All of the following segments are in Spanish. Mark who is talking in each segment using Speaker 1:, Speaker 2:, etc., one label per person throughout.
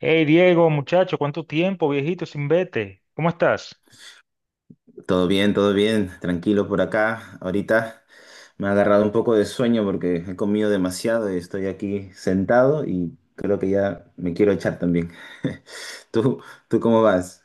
Speaker 1: Hey Diego, muchacho, ¿cuánto tiempo, viejito, sin vete? ¿Cómo estás?
Speaker 2: Todo bien, tranquilo por acá. Ahorita me ha agarrado un poco de sueño porque he comido demasiado y estoy aquí sentado y creo que ya me quiero echar también. ¿Tú, tú cómo vas?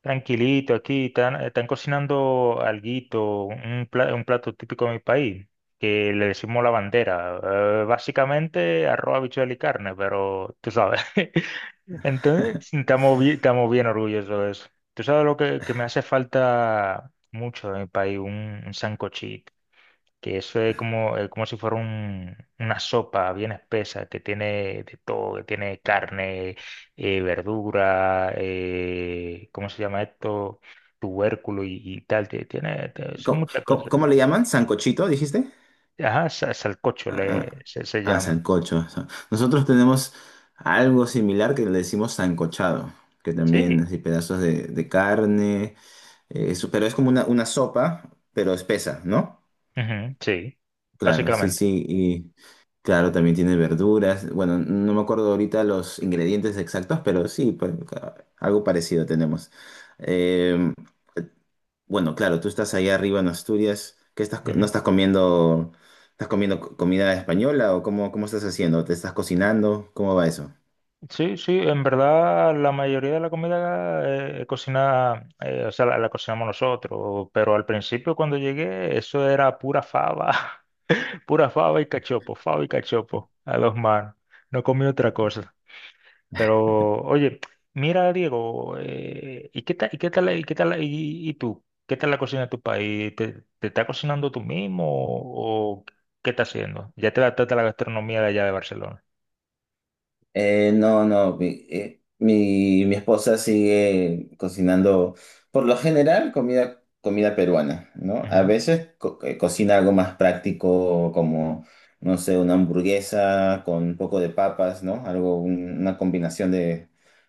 Speaker 1: Tranquilito, aquí están cocinando alguito, un plato típico de mi país, que le decimos la bandera. Básicamente arroz, habichuela y carne, pero tú sabes. Entonces, estamos bien orgullosos de eso. Tú sabes que me hace falta mucho en mi país, un sancochito, que eso es como, como si fuera una sopa bien espesa, que tiene de todo, que tiene carne, verdura, ¿cómo se llama esto? Tubérculo y tal, tiene, son
Speaker 2: ¿Cómo,
Speaker 1: muchas
Speaker 2: cómo-
Speaker 1: cosas.
Speaker 2: Cómo le llaman? ¿Sancochito, dijiste?
Speaker 1: Ajá, salcocho
Speaker 2: Ah,
Speaker 1: se
Speaker 2: ah,
Speaker 1: llama.
Speaker 2: Sancocho. Nosotros tenemos algo similar que le decimos sancochado, que también
Speaker 1: Sí,
Speaker 2: así pedazos de carne, eso, pero es como una sopa, pero espesa, ¿no?
Speaker 1: ujú, sí,
Speaker 2: Claro, sí,
Speaker 1: básicamente.
Speaker 2: sí. Claro, también tiene verduras. Bueno, no me acuerdo ahorita los ingredientes exactos, pero sí, pues, algo parecido tenemos. Eh, bueno, claro, tú estás allá arriba en Asturias. ¿Qué estás, no estás comiendo, estás comiendo comida española o cómo, cómo estás haciendo? ¿Te estás cocinando? ¿Cómo va eso?
Speaker 1: Sí, sí, en verdad la mayoría de la comida cocina, o sea, la cocinamos nosotros, pero al principio cuando llegué eso era pura fava, pura fava y cachopo a dos manos, no comí otra cosa. Pero oye, mira Diego, ¿y qué tal, y tú? ¿Qué tal la cocina de tu país? ¿Te está cocinando tú mismo o, qué estás haciendo? Ya te adaptaste a la gastronomía de allá de Barcelona.
Speaker 2: No, no, mi esposa sigue cocinando, por lo general, comida peruana, ¿no? A veces cocina algo más práctico, como, no sé, una hamburguesa con un poco de papas, ¿no? Algo, una combinación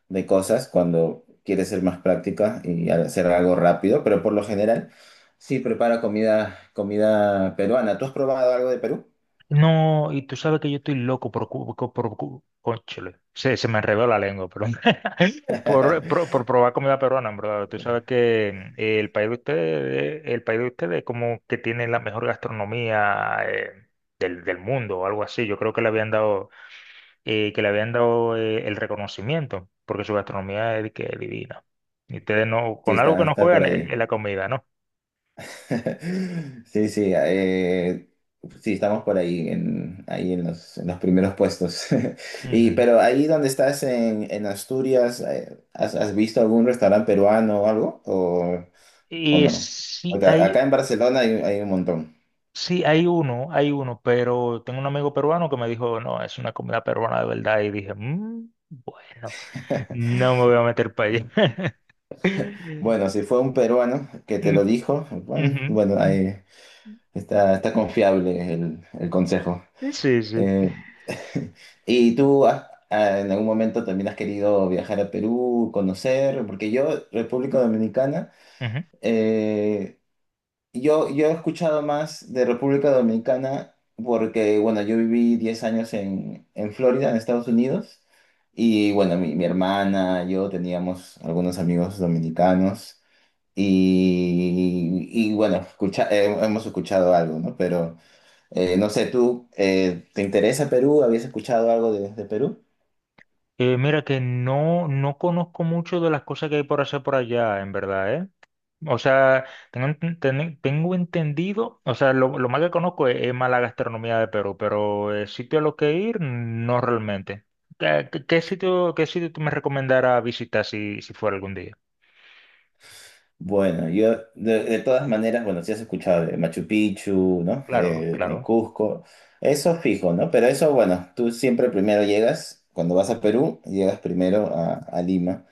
Speaker 2: de cosas cuando quiere ser más práctica y hacer algo rápido, pero por lo general, sí prepara comida peruana. ¿Tú has probado algo de Perú?
Speaker 1: No, y tú sabes que yo estoy loco por, cónchale, se me enredó la lengua, pero por probar comida peruana, en verdad. Tú sabes que el país de ustedes, el país de ustedes como que tiene la mejor gastronomía del mundo o algo así. Yo creo que le habían dado, el reconocimiento, porque su gastronomía es de que divina. Y ustedes no,
Speaker 2: Sí,
Speaker 1: con algo que
Speaker 2: está,
Speaker 1: no
Speaker 2: está por
Speaker 1: juegan es
Speaker 2: ahí.
Speaker 1: la comida, ¿no?
Speaker 2: Sí, sí, sí, estamos por ahí, en, ahí en los primeros puestos. Y,
Speaker 1: Ujú.
Speaker 2: pero ahí donde estás en Asturias, ¿has, has visto algún restaurante peruano o algo? O
Speaker 1: Y
Speaker 2: no?
Speaker 1: sí,
Speaker 2: Porque acá
Speaker 1: hay,
Speaker 2: en Barcelona hay, hay un montón.
Speaker 1: sí, hay uno, pero tengo un amigo peruano que me dijo, no, es una comida peruana de verdad. Y dije, "Mm, bueno, no me voy a meter para allá.
Speaker 2: Bueno, si fue un peruano que te
Speaker 1: Mm,
Speaker 2: lo dijo, bueno,
Speaker 1: ujú,
Speaker 2: bueno,
Speaker 1: mm.
Speaker 2: ahí está, está confiable el consejo.
Speaker 1: Sí, sí.
Speaker 2: Eh, ¿y tú ah, en algún momento también has querido viajar a Perú, conocer? Porque yo, República Dominicana,
Speaker 1: Ujú.
Speaker 2: eh, yo he escuchado más de República Dominicana porque, bueno, yo viví 10 años en Florida, en Estados Unidos, y bueno, mi hermana, yo teníamos algunos amigos dominicanos. Y bueno, hemos escuchado algo, ¿no? Pero no sé, ¿tú te interesa Perú? ¿Habías escuchado algo de Perú?
Speaker 1: Mira que no, no conozco mucho de las cosas que hay por hacer por allá, en verdad, ¿eh? O sea, tengo, tengo entendido, o sea, lo más que conozco es más la gastronomía de Perú, pero sitio a lo que ir, no realmente. ¿Qué sitio, qué sitio tú me recomendarás visitar si fuera algún día?
Speaker 2: Bueno, yo de todas maneras, bueno, sí has escuchado de Machu Picchu, ¿no?
Speaker 1: Claro,
Speaker 2: En
Speaker 1: claro.
Speaker 2: Cusco, eso fijo, ¿no? Pero eso, bueno, tú siempre primero llegas, cuando vas a Perú, llegas primero a Lima.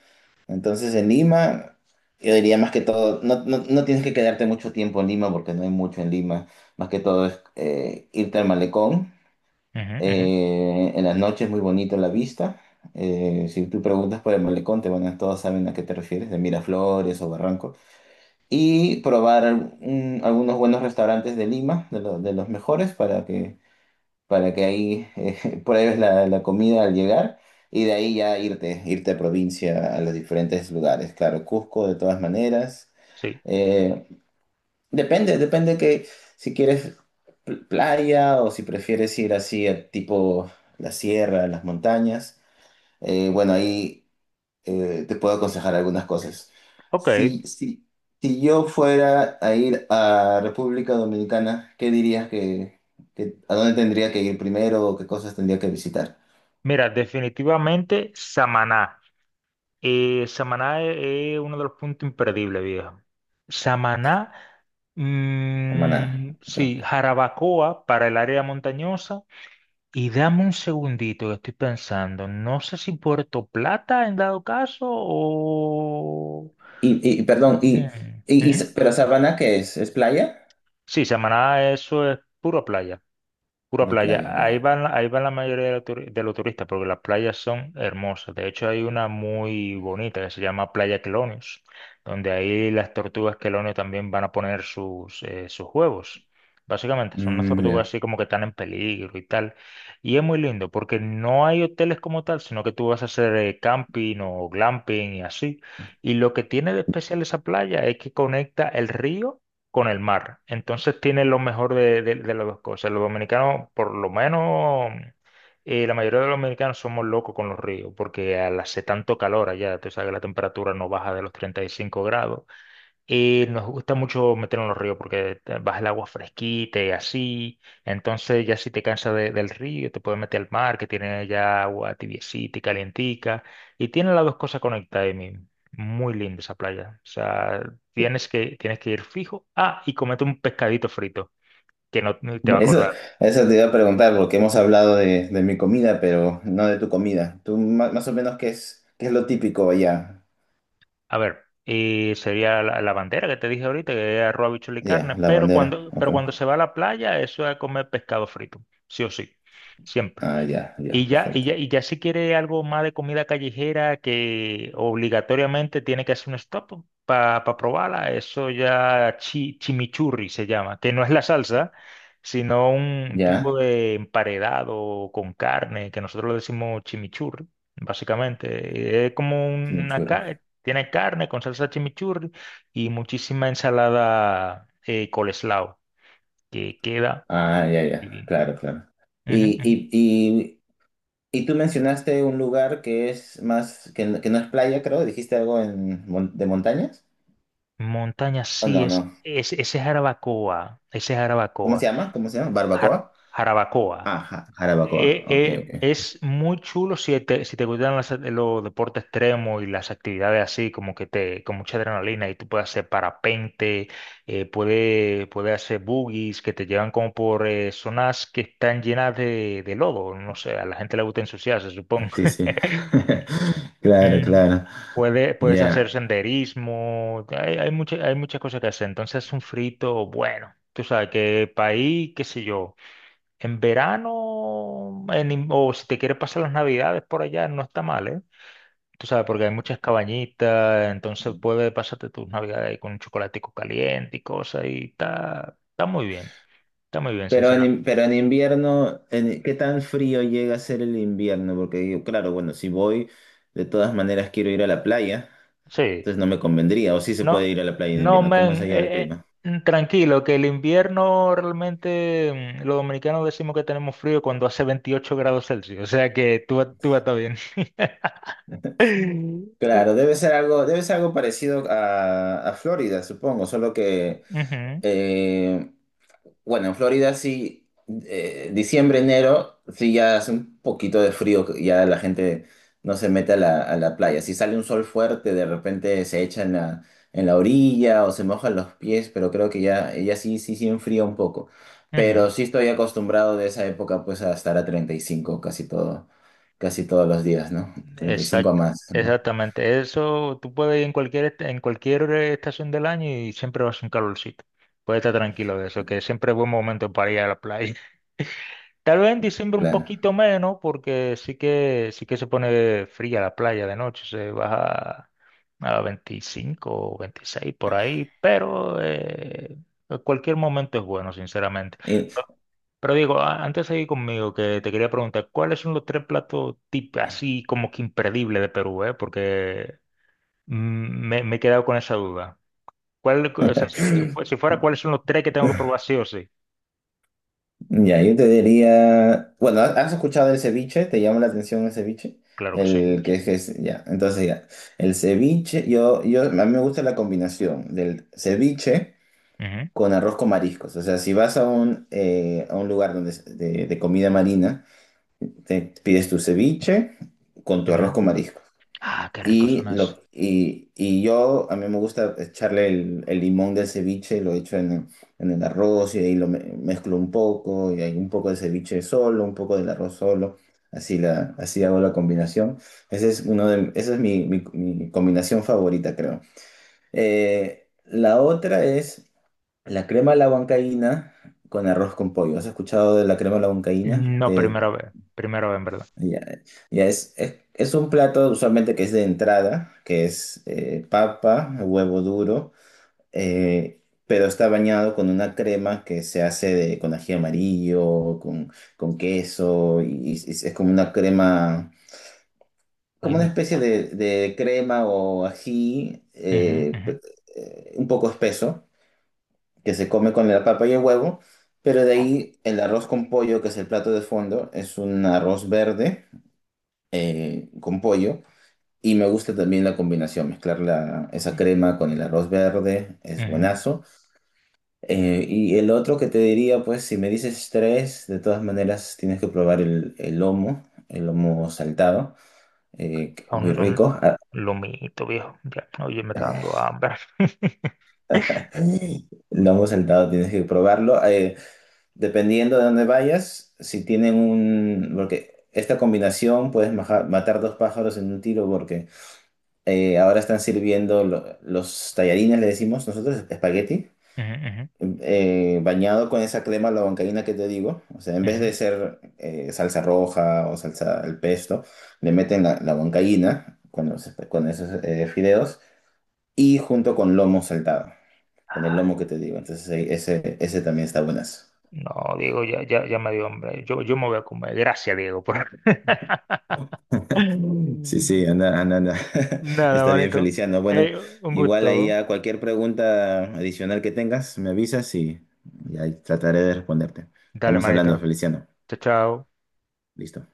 Speaker 2: Entonces en Lima, yo diría más que todo, no, no, no tienes que quedarte mucho tiempo en Lima porque no hay mucho en Lima, más que todo es irte al malecón.
Speaker 1: Ujú, ujú,
Speaker 2: En las noches muy bonito la vista. Si tú preguntas por el malecón, te van a, todos saben a qué te refieres, de Miraflores o Barranco. Y probar algunos buenos restaurantes de Lima, de, de los mejores, para que ahí pruebes la, la comida al llegar. Y de ahí ya irte, irte a provincia, a los diferentes lugares. Claro, Cusco de todas maneras.
Speaker 1: sí.
Speaker 2: Eh, Depende, depende que si quieres playa o si prefieres ir así a tipo la sierra, las montañas. Bueno, ahí te puedo aconsejar algunas cosas.
Speaker 1: Ok.
Speaker 2: Si, si, si yo fuera a ir a República Dominicana, ¿qué dirías que, a dónde tendría que ir primero o qué cosas tendría que visitar?
Speaker 1: Mira, definitivamente Samaná. Samaná es uno de los puntos imperdibles, viejo. Samaná,
Speaker 2: Samaná.
Speaker 1: mm,
Speaker 2: Ok.
Speaker 1: sí, Jarabacoa para el área montañosa. Y dame un segundito que estoy pensando. No sé si Puerto Plata en dado caso o...
Speaker 2: Y, y perdón,
Speaker 1: Mm,
Speaker 2: y, y,
Speaker 1: ujú.
Speaker 2: pero Sabana, ¿qué es? ¿Es playa?
Speaker 1: Sí, Samaná, eso es puro playa. Pura
Speaker 2: La
Speaker 1: playa.
Speaker 2: playa, ya.
Speaker 1: Ahí van la mayoría de, de los turistas porque las playas son hermosas. De hecho, hay una muy bonita que se llama Playa Quelonios, donde ahí las tortugas Quelonios también van a poner sus huevos. Básicamente, son unas
Speaker 2: Mm,
Speaker 1: tortugas
Speaker 2: ya.
Speaker 1: así como que están en peligro y tal. Y es muy lindo porque no hay hoteles como tal, sino que tú vas a hacer camping o glamping y así. Y lo que tiene de especial esa playa es que conecta el río con el mar. Entonces tiene lo mejor de las dos cosas. Los dominicanos, por lo menos, la mayoría de los dominicanos somos locos con los ríos, porque al hace tanto calor allá, tú sabes que la temperatura no baja de los 35 grados. Y nos gusta mucho meternos en los ríos porque vas al agua fresquita y así. Entonces ya si te cansas del río, te puedes meter al mar que tiene ya agua tibiecita y calientica. Y tiene las dos cosas conectadas ahí mismo. Muy linda esa playa. O sea, tienes que ir fijo. Ah, y comete un pescadito frito que no te va a acordar.
Speaker 2: Eso, eso te iba a preguntar, porque hemos hablado de mi comida, pero no de tu comida. Tú más, o menos qué es lo típico allá.
Speaker 1: A ver, y sería la bandera que te dije ahorita, que es arroz, habichuela y
Speaker 2: Ya,
Speaker 1: carne.
Speaker 2: la bandera. Ok.
Speaker 1: Pero cuando se va a la playa, eso es comer pescado frito. Sí o sí. Siempre.
Speaker 2: Ah, ya, ya, perfecto.
Speaker 1: Y ya si quiere algo más de comida callejera que obligatoriamente tiene que hacer un stop para probarla, eso ya chimichurri se llama, que no es la salsa, sino un tipo
Speaker 2: Ya,
Speaker 1: de emparedado con carne, que nosotros le decimos chimichurri, básicamente. Es como una
Speaker 2: chimichurro.
Speaker 1: carne, tiene carne con salsa chimichurri y muchísima ensalada coleslaw, que queda
Speaker 2: Ah, ya, ya,
Speaker 1: divino.
Speaker 2: claro, claro. Y, y, y, y tú mencionaste un lugar que es más, que no es playa, creo. ¿Dijiste algo en, de montañas?
Speaker 1: Montaña,
Speaker 2: Oh,
Speaker 1: sí,
Speaker 2: no, no.
Speaker 1: ese es
Speaker 2: ¿Cómo
Speaker 1: Jarabacoa,
Speaker 2: se llama? ¿Cómo se llama?
Speaker 1: Jar-
Speaker 2: ¿Barbacoa?
Speaker 1: Jarabacoa.
Speaker 2: Ah, jarabacoa. Ok, ok.
Speaker 1: Es muy chulo si te gustan los deportes extremos y las actividades así, como que te, con mucha adrenalina y tú puedes hacer parapente, puedes hacer boogies que te llevan como por zonas que están llenas de lodo, no sé, a la gente le gusta ensuciarse, supongo.
Speaker 2: Sí, sí. Claro,
Speaker 1: Mm,
Speaker 2: claro.
Speaker 1: Puedes hacer
Speaker 2: Ya.
Speaker 1: senderismo, hay muchas cosas que hacer. Entonces, un frito, bueno, tú sabes que país, qué sé yo, en verano, o si te quieres pasar las navidades por allá, no está mal, ¿eh? Tú sabes, porque hay muchas cabañitas, entonces puedes pasarte tus navidades ahí con un chocolatico caliente y cosas, y está, está muy bien,
Speaker 2: Pero en,
Speaker 1: sinceramente.
Speaker 2: pero en invierno, en- ¿qué tan frío llega a ser el invierno? Porque digo, claro, bueno, si voy, de todas maneras quiero ir a la playa,
Speaker 1: Sí.
Speaker 2: entonces no me convendría, o sí se puede
Speaker 1: No,
Speaker 2: ir a la playa en
Speaker 1: no,
Speaker 2: invierno. ¿Cómo es
Speaker 1: men,
Speaker 2: allá el clima?
Speaker 1: tranquilo, que el invierno realmente los dominicanos decimos que tenemos frío cuando hace 28 grados Celsius, o sea que tú, tú vas a estar bien.
Speaker 2: Claro, debe ser algo parecido a Florida, supongo, solo que
Speaker 1: Ujú,
Speaker 2: eh, bueno, en Florida sí, diciembre, enero, sí ya hace un poquito de frío, que ya la gente no se mete a la playa. Si sale un sol fuerte, de repente se echa en la orilla o se mojan los pies, pero creo que ya, ya sí, sí, sí enfría un poco.
Speaker 1: ujú.
Speaker 2: Pero sí estoy acostumbrado de esa época pues a estar a 35 casi todo, casi todos los días, ¿no? 35 a
Speaker 1: Exact-
Speaker 2: más, ¿no?
Speaker 1: Exactamente. Eso tú puedes ir en cualquier, en cualquier estación del año y siempre vas a un calorcito. Puedes estar tranquilo de eso, que siempre es buen momento para ir a la playa. Tal vez en diciembre un
Speaker 2: Claro.
Speaker 1: poquito menos, porque sí que se pone fría la playa de noche, se baja a 25 o 26 por ahí, pero cualquier momento es bueno, sinceramente.
Speaker 2: Y-
Speaker 1: Pero, pero digo, antes de ir conmigo, que te quería preguntar, ¿cuáles son los tres platos tip así como que imperdibles de Perú, eh? Porque mm, me he quedado con esa duda. ¿Cuál, o sea, si, si fue- Si fuera, ¿cuáles son los tres que tengo que probar sí o sí?
Speaker 2: ya, yo te diría, bueno, ¿has has escuchado el ceviche? ¿Te llama la atención el ceviche?
Speaker 1: Claro que sí,
Speaker 2: El que es,
Speaker 1: sí.
Speaker 2: ya, entonces ya, el ceviche, yo, a mí me gusta la combinación del ceviche
Speaker 1: Ujú,
Speaker 2: con arroz con mariscos. O sea, si vas a un lugar donde, es de comida marina, te pides tu ceviche con tu arroz
Speaker 1: ujú.
Speaker 2: con mariscos.
Speaker 1: Ah, qué ricos
Speaker 2: Y,
Speaker 1: son las...
Speaker 2: lo, y yo, a mí me gusta echarle el limón del ceviche, lo echo en el arroz y ahí lo mezclo un poco, y hay un poco de ceviche solo, un poco del arroz solo, así, la, así hago la combinación. Ese es uno de, esa es mi, mi combinación favorita, creo. La otra es la crema a la huancaína con arroz con pollo. ¿Has escuchado de la crema a la huancaína?
Speaker 1: No, primera vez. Primera vez, en verdad.
Speaker 2: Ya, ya es un plato usualmente que es de entrada, que es papa, huevo duro, eh, pero está bañado con una crema que se hace de, con ají amarillo, con queso, y es como una crema,
Speaker 1: Ay,
Speaker 2: como una
Speaker 1: mi
Speaker 2: especie
Speaker 1: madre.
Speaker 2: de crema o ají
Speaker 1: Ujú,
Speaker 2: un poco espeso, que se come con la papa y el huevo, pero de ahí el arroz con pollo, que es el plato de fondo, es un arroz verde con pollo. Y me gusta también la combinación, mezclar esa
Speaker 1: ujú,
Speaker 2: crema con el arroz verde, es
Speaker 1: ujú.
Speaker 2: buenazo. Y el otro que te diría, pues si me dices tres, de todas maneras tienes que probar el lomo saltado, que es muy
Speaker 1: Un
Speaker 2: rico.
Speaker 1: lomito, viejo. Ya, oye, me está dando hambre.
Speaker 2: El lomo saltado tienes que probarlo. Dependiendo de dónde vayas, si tienen un... Porque esta combinación puedes matar dos pájaros en un tiro porque ahora están sirviendo los tallarines, le decimos nosotros, espagueti.
Speaker 1: Ujú, ujú,
Speaker 2: Bañado con esa crema la bancaína que te digo, o sea, en vez
Speaker 1: ujú.
Speaker 2: de ser salsa roja o salsa al pesto, le meten la, la huancaína con, con esos fideos y junto con lomo saltado, con el
Speaker 1: Ah,
Speaker 2: lomo que te digo. Entonces, ese, ese también está buenazo.
Speaker 1: no, Diego, ya me dio hambre. Yo me voy a comer. Gracias, Diego, por...
Speaker 2: Sí,
Speaker 1: Mm.
Speaker 2: sí, anda, anda, anda.
Speaker 1: Nada,
Speaker 2: Está bien,
Speaker 1: manito.
Speaker 2: Feliciano. Bueno,
Speaker 1: Eh, un
Speaker 2: igual ahí
Speaker 1: gusto.
Speaker 2: a cualquier pregunta adicional que tengas, me avisas y ahí trataré de responderte.
Speaker 1: Dale,
Speaker 2: Estamos hablando,
Speaker 1: manito.
Speaker 2: Feliciano.
Speaker 1: Chao, chao.
Speaker 2: Listo.